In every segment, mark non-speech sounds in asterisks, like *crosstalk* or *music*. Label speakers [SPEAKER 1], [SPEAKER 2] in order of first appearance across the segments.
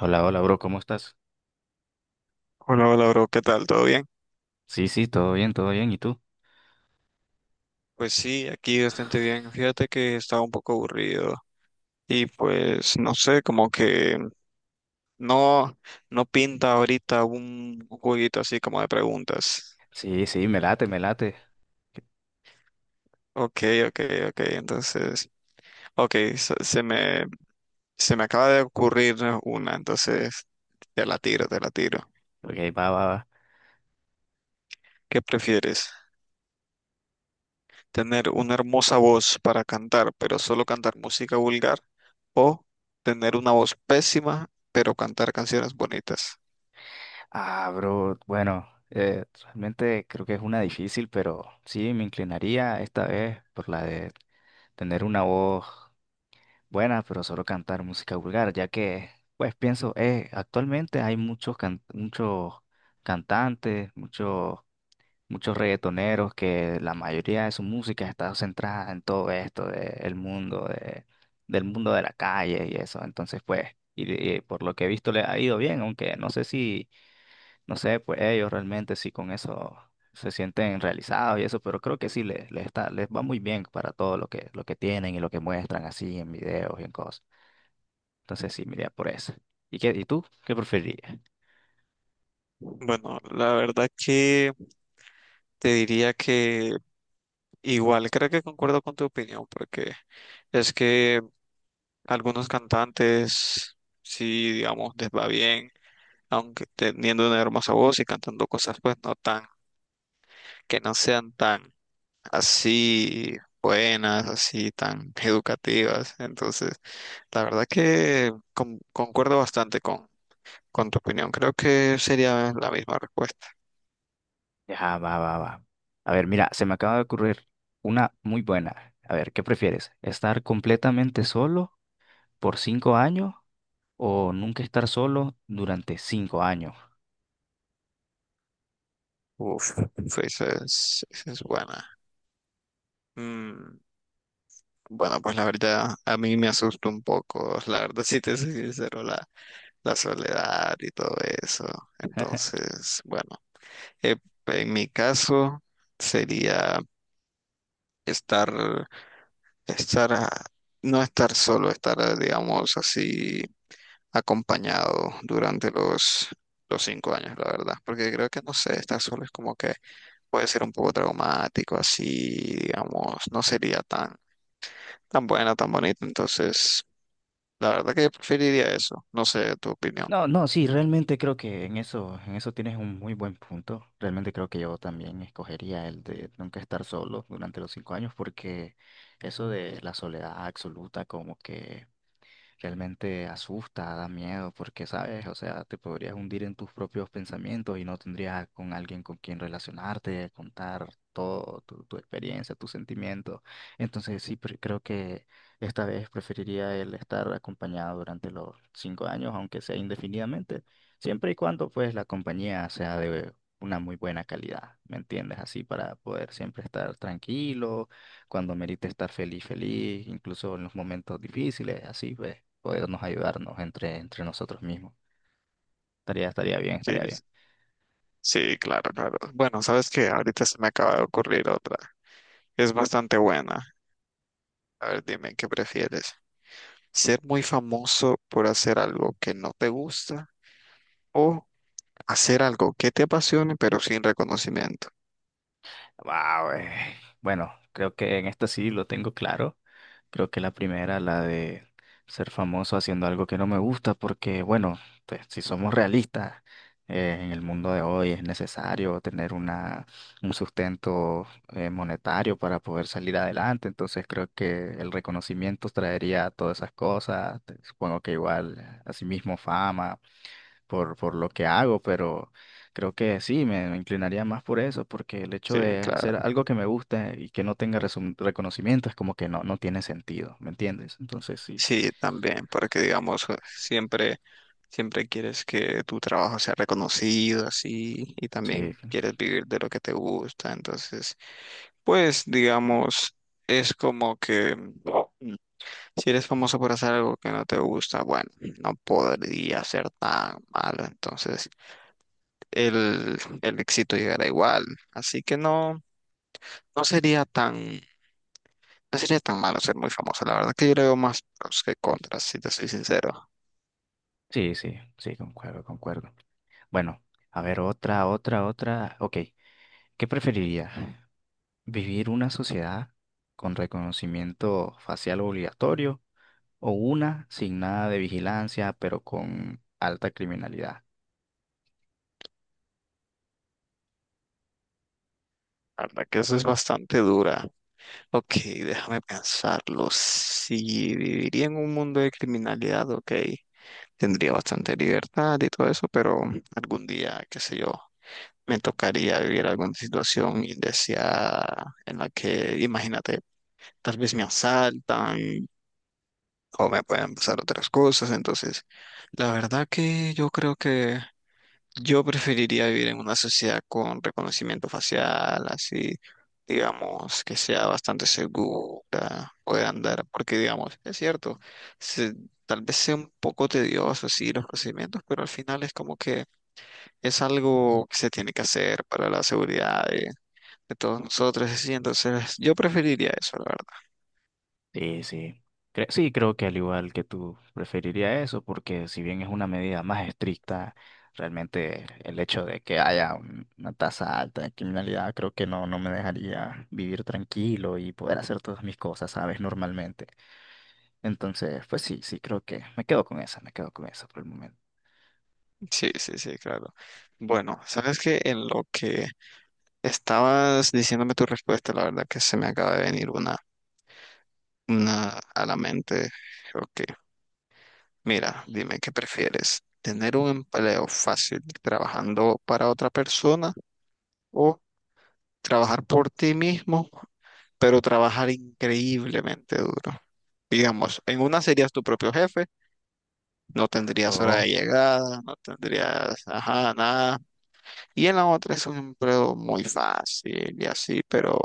[SPEAKER 1] Hola, hola, bro, ¿cómo estás?
[SPEAKER 2] Hola, hola, bro, ¿qué tal? ¿Todo bien?
[SPEAKER 1] Sí, sí, todo bien, todo bien. ¿Y tú?
[SPEAKER 2] Pues sí, aquí bastante bien. Fíjate que estaba un poco aburrido y pues no sé, como que no, no pinta ahorita un jueguito así como de preguntas.
[SPEAKER 1] Sí, sí, me late, me late.
[SPEAKER 2] Ok, ok, ok, entonces, ok, se me acaba de ocurrir una, entonces te la tiro, te la tiro.
[SPEAKER 1] Ok, va, va, va.
[SPEAKER 2] ¿Qué prefieres? Tener una hermosa voz para cantar, pero solo cantar música vulgar, o tener una voz pésima, pero cantar canciones bonitas.
[SPEAKER 1] Ah, bro, bueno, realmente creo que es una difícil, pero sí, me inclinaría esta vez por la de tener una voz buena, pero solo cantar música vulgar, ya que, pues pienso, actualmente hay muchos cantantes, muchos reggaetoneros que la mayoría de su música está centrada en todo esto del mundo de la calle y eso. Entonces, pues, y por lo que he visto le ha ido bien, aunque no sé, pues ellos realmente si con eso se sienten realizados y eso, pero creo que sí les está, les va muy bien para todo lo lo que tienen y lo que muestran así en videos y en cosas. Entonces, sí, me iría por eso. ¿Y qué, y tú? ¿Qué preferirías?
[SPEAKER 2] Bueno, la verdad que te diría que igual, creo que concuerdo con tu opinión, porque es que algunos cantantes, sí, digamos, les va bien, aunque teniendo una hermosa voz y cantando cosas, pues no tan, que no sean tan así buenas, así tan educativas. Entonces, la verdad que concuerdo bastante con tu opinión. Creo que sería la misma respuesta.
[SPEAKER 1] Ya, va, va, va. A ver, mira, se me acaba de ocurrir una muy buena. A ver, ¿qué prefieres? ¿Estar completamente solo por 5 años o nunca estar solo durante 5 años?
[SPEAKER 2] Uf, Suiza es buena. Mm, bueno, pues la verdad, a mí me asusta un poco. La verdad, si te soy sincero, la soledad y todo eso. Entonces, bueno, eh, en mi caso sería estar, estar, a- no estar solo, estar, digamos, así acompañado durante los 5 años, la verdad. Porque creo que, no sé, estar solo es como que puede ser un poco traumático, así, digamos, no sería tan buena, tan bonita. Entonces, la verdad que yo preferiría eso. No sé tu opinión.
[SPEAKER 1] No, no, sí, realmente creo que en eso tienes un muy buen punto. Realmente creo que yo también escogería el de nunca estar solo durante los 5 años porque eso de la soledad absoluta como que realmente asusta, da miedo, porque, ¿sabes? O sea, te podrías hundir en tus propios pensamientos y no tendrías con alguien con quien relacionarte, contar todo, tu experiencia, tus sentimientos. Entonces, sí, creo que esta vez preferiría el estar acompañado durante los 5 años, aunque sea indefinidamente, siempre y cuando, pues, la compañía sea de una muy buena calidad, ¿me entiendes? Así para poder siempre estar tranquilo cuando merite estar feliz, feliz, incluso en los momentos difíciles, así pues, podernos ayudarnos entre nosotros mismos. Estaría bien,
[SPEAKER 2] Sí,
[SPEAKER 1] estaría bien.
[SPEAKER 2] sí, claro, claro. Bueno, sabes que ahorita se me acaba de ocurrir otra. Es bastante buena. A ver, dime, ¿qué prefieres? ¿Ser muy famoso por hacer algo que no te gusta o hacer algo que te apasione pero sin reconocimiento?
[SPEAKER 1] Wow, bueno, creo que en esta sí lo tengo claro. Creo que la primera, la de ser famoso haciendo algo que no me gusta, porque bueno, pues, si somos realistas, en el mundo de hoy es necesario tener un sustento monetario para poder salir adelante. Entonces creo que el reconocimiento traería todas esas cosas. Supongo que igual, asimismo, fama por lo que hago, pero creo que sí, me inclinaría más por eso, porque el hecho
[SPEAKER 2] Sí,
[SPEAKER 1] de
[SPEAKER 2] claro.
[SPEAKER 1] hacer algo que me gusta y que no tenga reconocimiento es como que no, no tiene sentido, ¿me entiendes? Entonces sí,
[SPEAKER 2] Sí, también, porque digamos, siempre quieres que tu trabajo sea reconocido así y
[SPEAKER 1] sí,
[SPEAKER 2] también quieres vivir de lo que te gusta. Entonces, pues digamos, es como que mm, si eres famoso por hacer algo que no te gusta, bueno, no podría ser tan malo. Entonces, el éxito llegará igual. Así que no, no sería tan, no sería tan malo ser muy famoso. La verdad que yo le veo más pros que contras, si te soy sincero.
[SPEAKER 1] sí, sí, sí, concuerdo, concuerdo. Bueno, a ver, otra, otra, otra. Ok, ¿qué preferiría? ¿Vivir una sociedad con reconocimiento facial obligatorio o una sin nada de vigilancia, pero con alta criminalidad?
[SPEAKER 2] La verdad que eso es bastante dura. Ok, déjame pensarlo. Si viviría en un mundo de criminalidad, ok, tendría bastante libertad y todo eso, pero algún día, qué sé yo, me tocaría vivir alguna situación indeseada en la que, imagínate, tal vez me asaltan o me pueden pasar otras cosas. Entonces, la verdad que yo creo que yo preferiría vivir en una sociedad con reconocimiento facial, así, digamos, que sea bastante segura, pueda andar, porque, digamos, es cierto, se- tal vez sea un poco tedioso, sí los procedimientos, pero al final es como que es algo que se tiene que hacer para la seguridad de todos nosotros, así. Entonces, yo preferiría eso, la verdad.
[SPEAKER 1] Sí, sí. Sí, creo que al igual que tú preferiría eso, porque si bien es una medida más estricta, realmente el hecho de que haya una tasa alta de criminalidad creo que no, no me dejaría vivir tranquilo y poder hacer todas mis cosas, ¿sabes? Normalmente. Entonces, pues sí, sí, creo que me quedo con esa, me quedo con esa por el momento.
[SPEAKER 2] Sí, sí, sí, claro. Bueno, sabes que en lo que estabas diciéndome tu respuesta, la verdad que se me acaba de venir una a la mente. Ok, mira, dime qué prefieres, tener un empleo fácil trabajando para otra persona o trabajar por ti mismo, pero trabajar increíblemente duro. Digamos, en una serías tu propio jefe, no tendrías hora
[SPEAKER 1] Oh.
[SPEAKER 2] de llegada, no tendrías, ajá, nada. Y en la otra es un empleo muy fácil y así, pero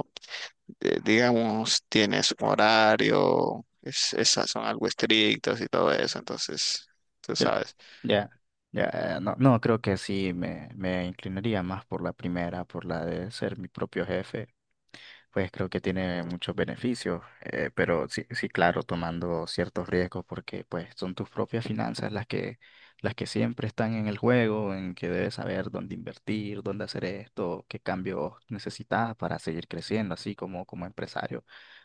[SPEAKER 2] digamos, tienes su horario, es, esas son algo estrictas y todo eso, entonces, tú
[SPEAKER 1] Cre-
[SPEAKER 2] sabes.
[SPEAKER 1] ya, ya, no, no, creo que sí me inclinaría más por la primera, por la de ser mi propio jefe. Pues creo que tiene muchos beneficios, pero sí, sí, claro, tomando ciertos riesgos porque pues son tus propias finanzas las que siempre están en el juego, en que debes saber dónde invertir, dónde hacer esto, qué cambios necesitas para seguir creciendo, así como empresario.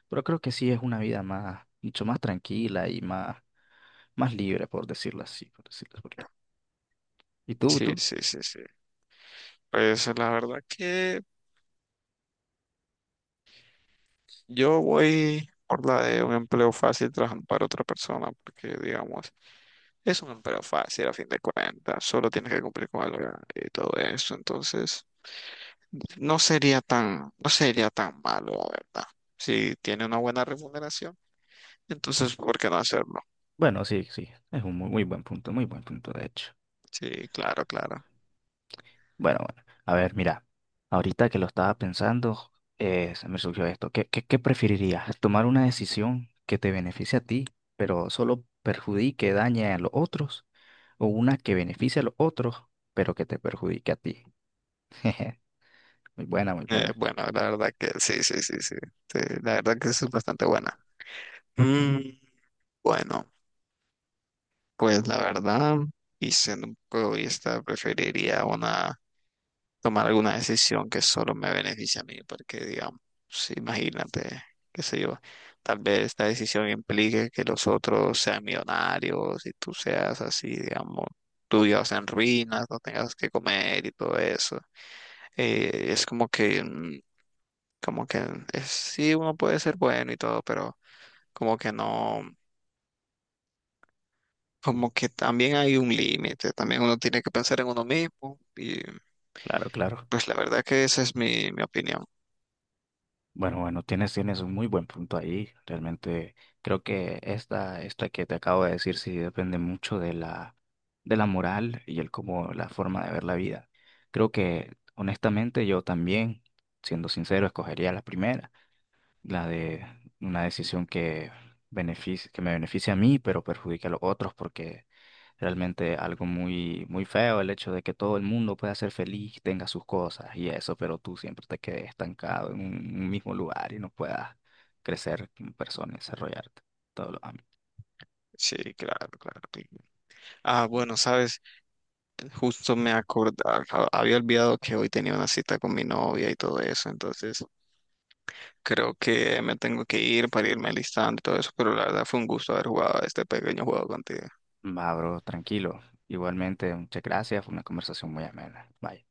[SPEAKER 1] Pero creo que sí es una vida mucho más tranquila y más libre, por decirlo así, por decirlo porque... ¿Y
[SPEAKER 2] Sí,
[SPEAKER 1] tú?
[SPEAKER 2] sí, sí, sí. Pues la verdad que yo voy por la de un empleo fácil trabajando para otra persona, porque digamos, es un empleo fácil a fin de cuentas, solo tienes que cumplir con algo y todo eso, entonces no sería tan, no sería tan malo, la verdad. Si tiene una buena remuneración, entonces, ¿por qué no hacerlo?
[SPEAKER 1] Bueno, sí, sí, es un muy, muy buen punto, de hecho.
[SPEAKER 2] Sí, claro, claro.
[SPEAKER 1] Bueno, bueno, a ver, mira, ahorita que lo estaba pensando, se me surgió esto. ¿Qué, qué, qué preferirías? ¿Tomar una decisión que te beneficie a ti, pero solo perjudique, dañe a los otros? ¿O una que beneficie a los otros, pero que te perjudique a ti? *laughs* Muy buena, muy buena.
[SPEAKER 2] Bueno, la verdad que sí, sí, sí, sí, sí, la verdad que eso es bastante buena. Mm, bueno, pues la verdad, y siendo un poco egoísta, preferiría una, tomar alguna decisión que solo me beneficie a mí, porque digamos, sí, imagínate, qué sé yo, tal vez esta decisión implique que los otros sean millonarios y tú seas así, digamos, tú tuyos en ruinas, no tengas que comer y todo eso. Es como que, como que es, sí, uno puede ser bueno y todo, pero como que no, como que también hay un límite, también uno tiene que pensar en uno mismo y
[SPEAKER 1] Claro, claro.
[SPEAKER 2] pues la verdad que esa es mi, mi opinión.
[SPEAKER 1] Bueno, bueno, tienes, tienes un muy buen punto ahí. Realmente creo que esta que te acabo de decir sí depende mucho de la moral y el cómo, la forma de ver la vida. Creo que honestamente yo también, siendo sincero, escogería la primera la de una decisión que que me beneficia a mí, pero perjudica a los otros, porque realmente algo muy, muy feo el hecho de que todo el mundo pueda ser feliz, tenga sus cosas y eso, pero tú siempre te quedes estancado en un mismo lugar y no puedas crecer como persona y desarrollarte. Todo lo
[SPEAKER 2] Sí, claro, claro. Sí. Ah, bueno, sabes, justo me acordaba, había olvidado que hoy tenía una cita con mi novia y todo eso, entonces creo que me tengo que ir para irme alistando y todo eso, pero la verdad fue un gusto haber jugado este pequeño juego contigo.
[SPEAKER 1] Va, bro, tranquilo. Igualmente, muchas gracias, fue una conversación muy amena. Bye.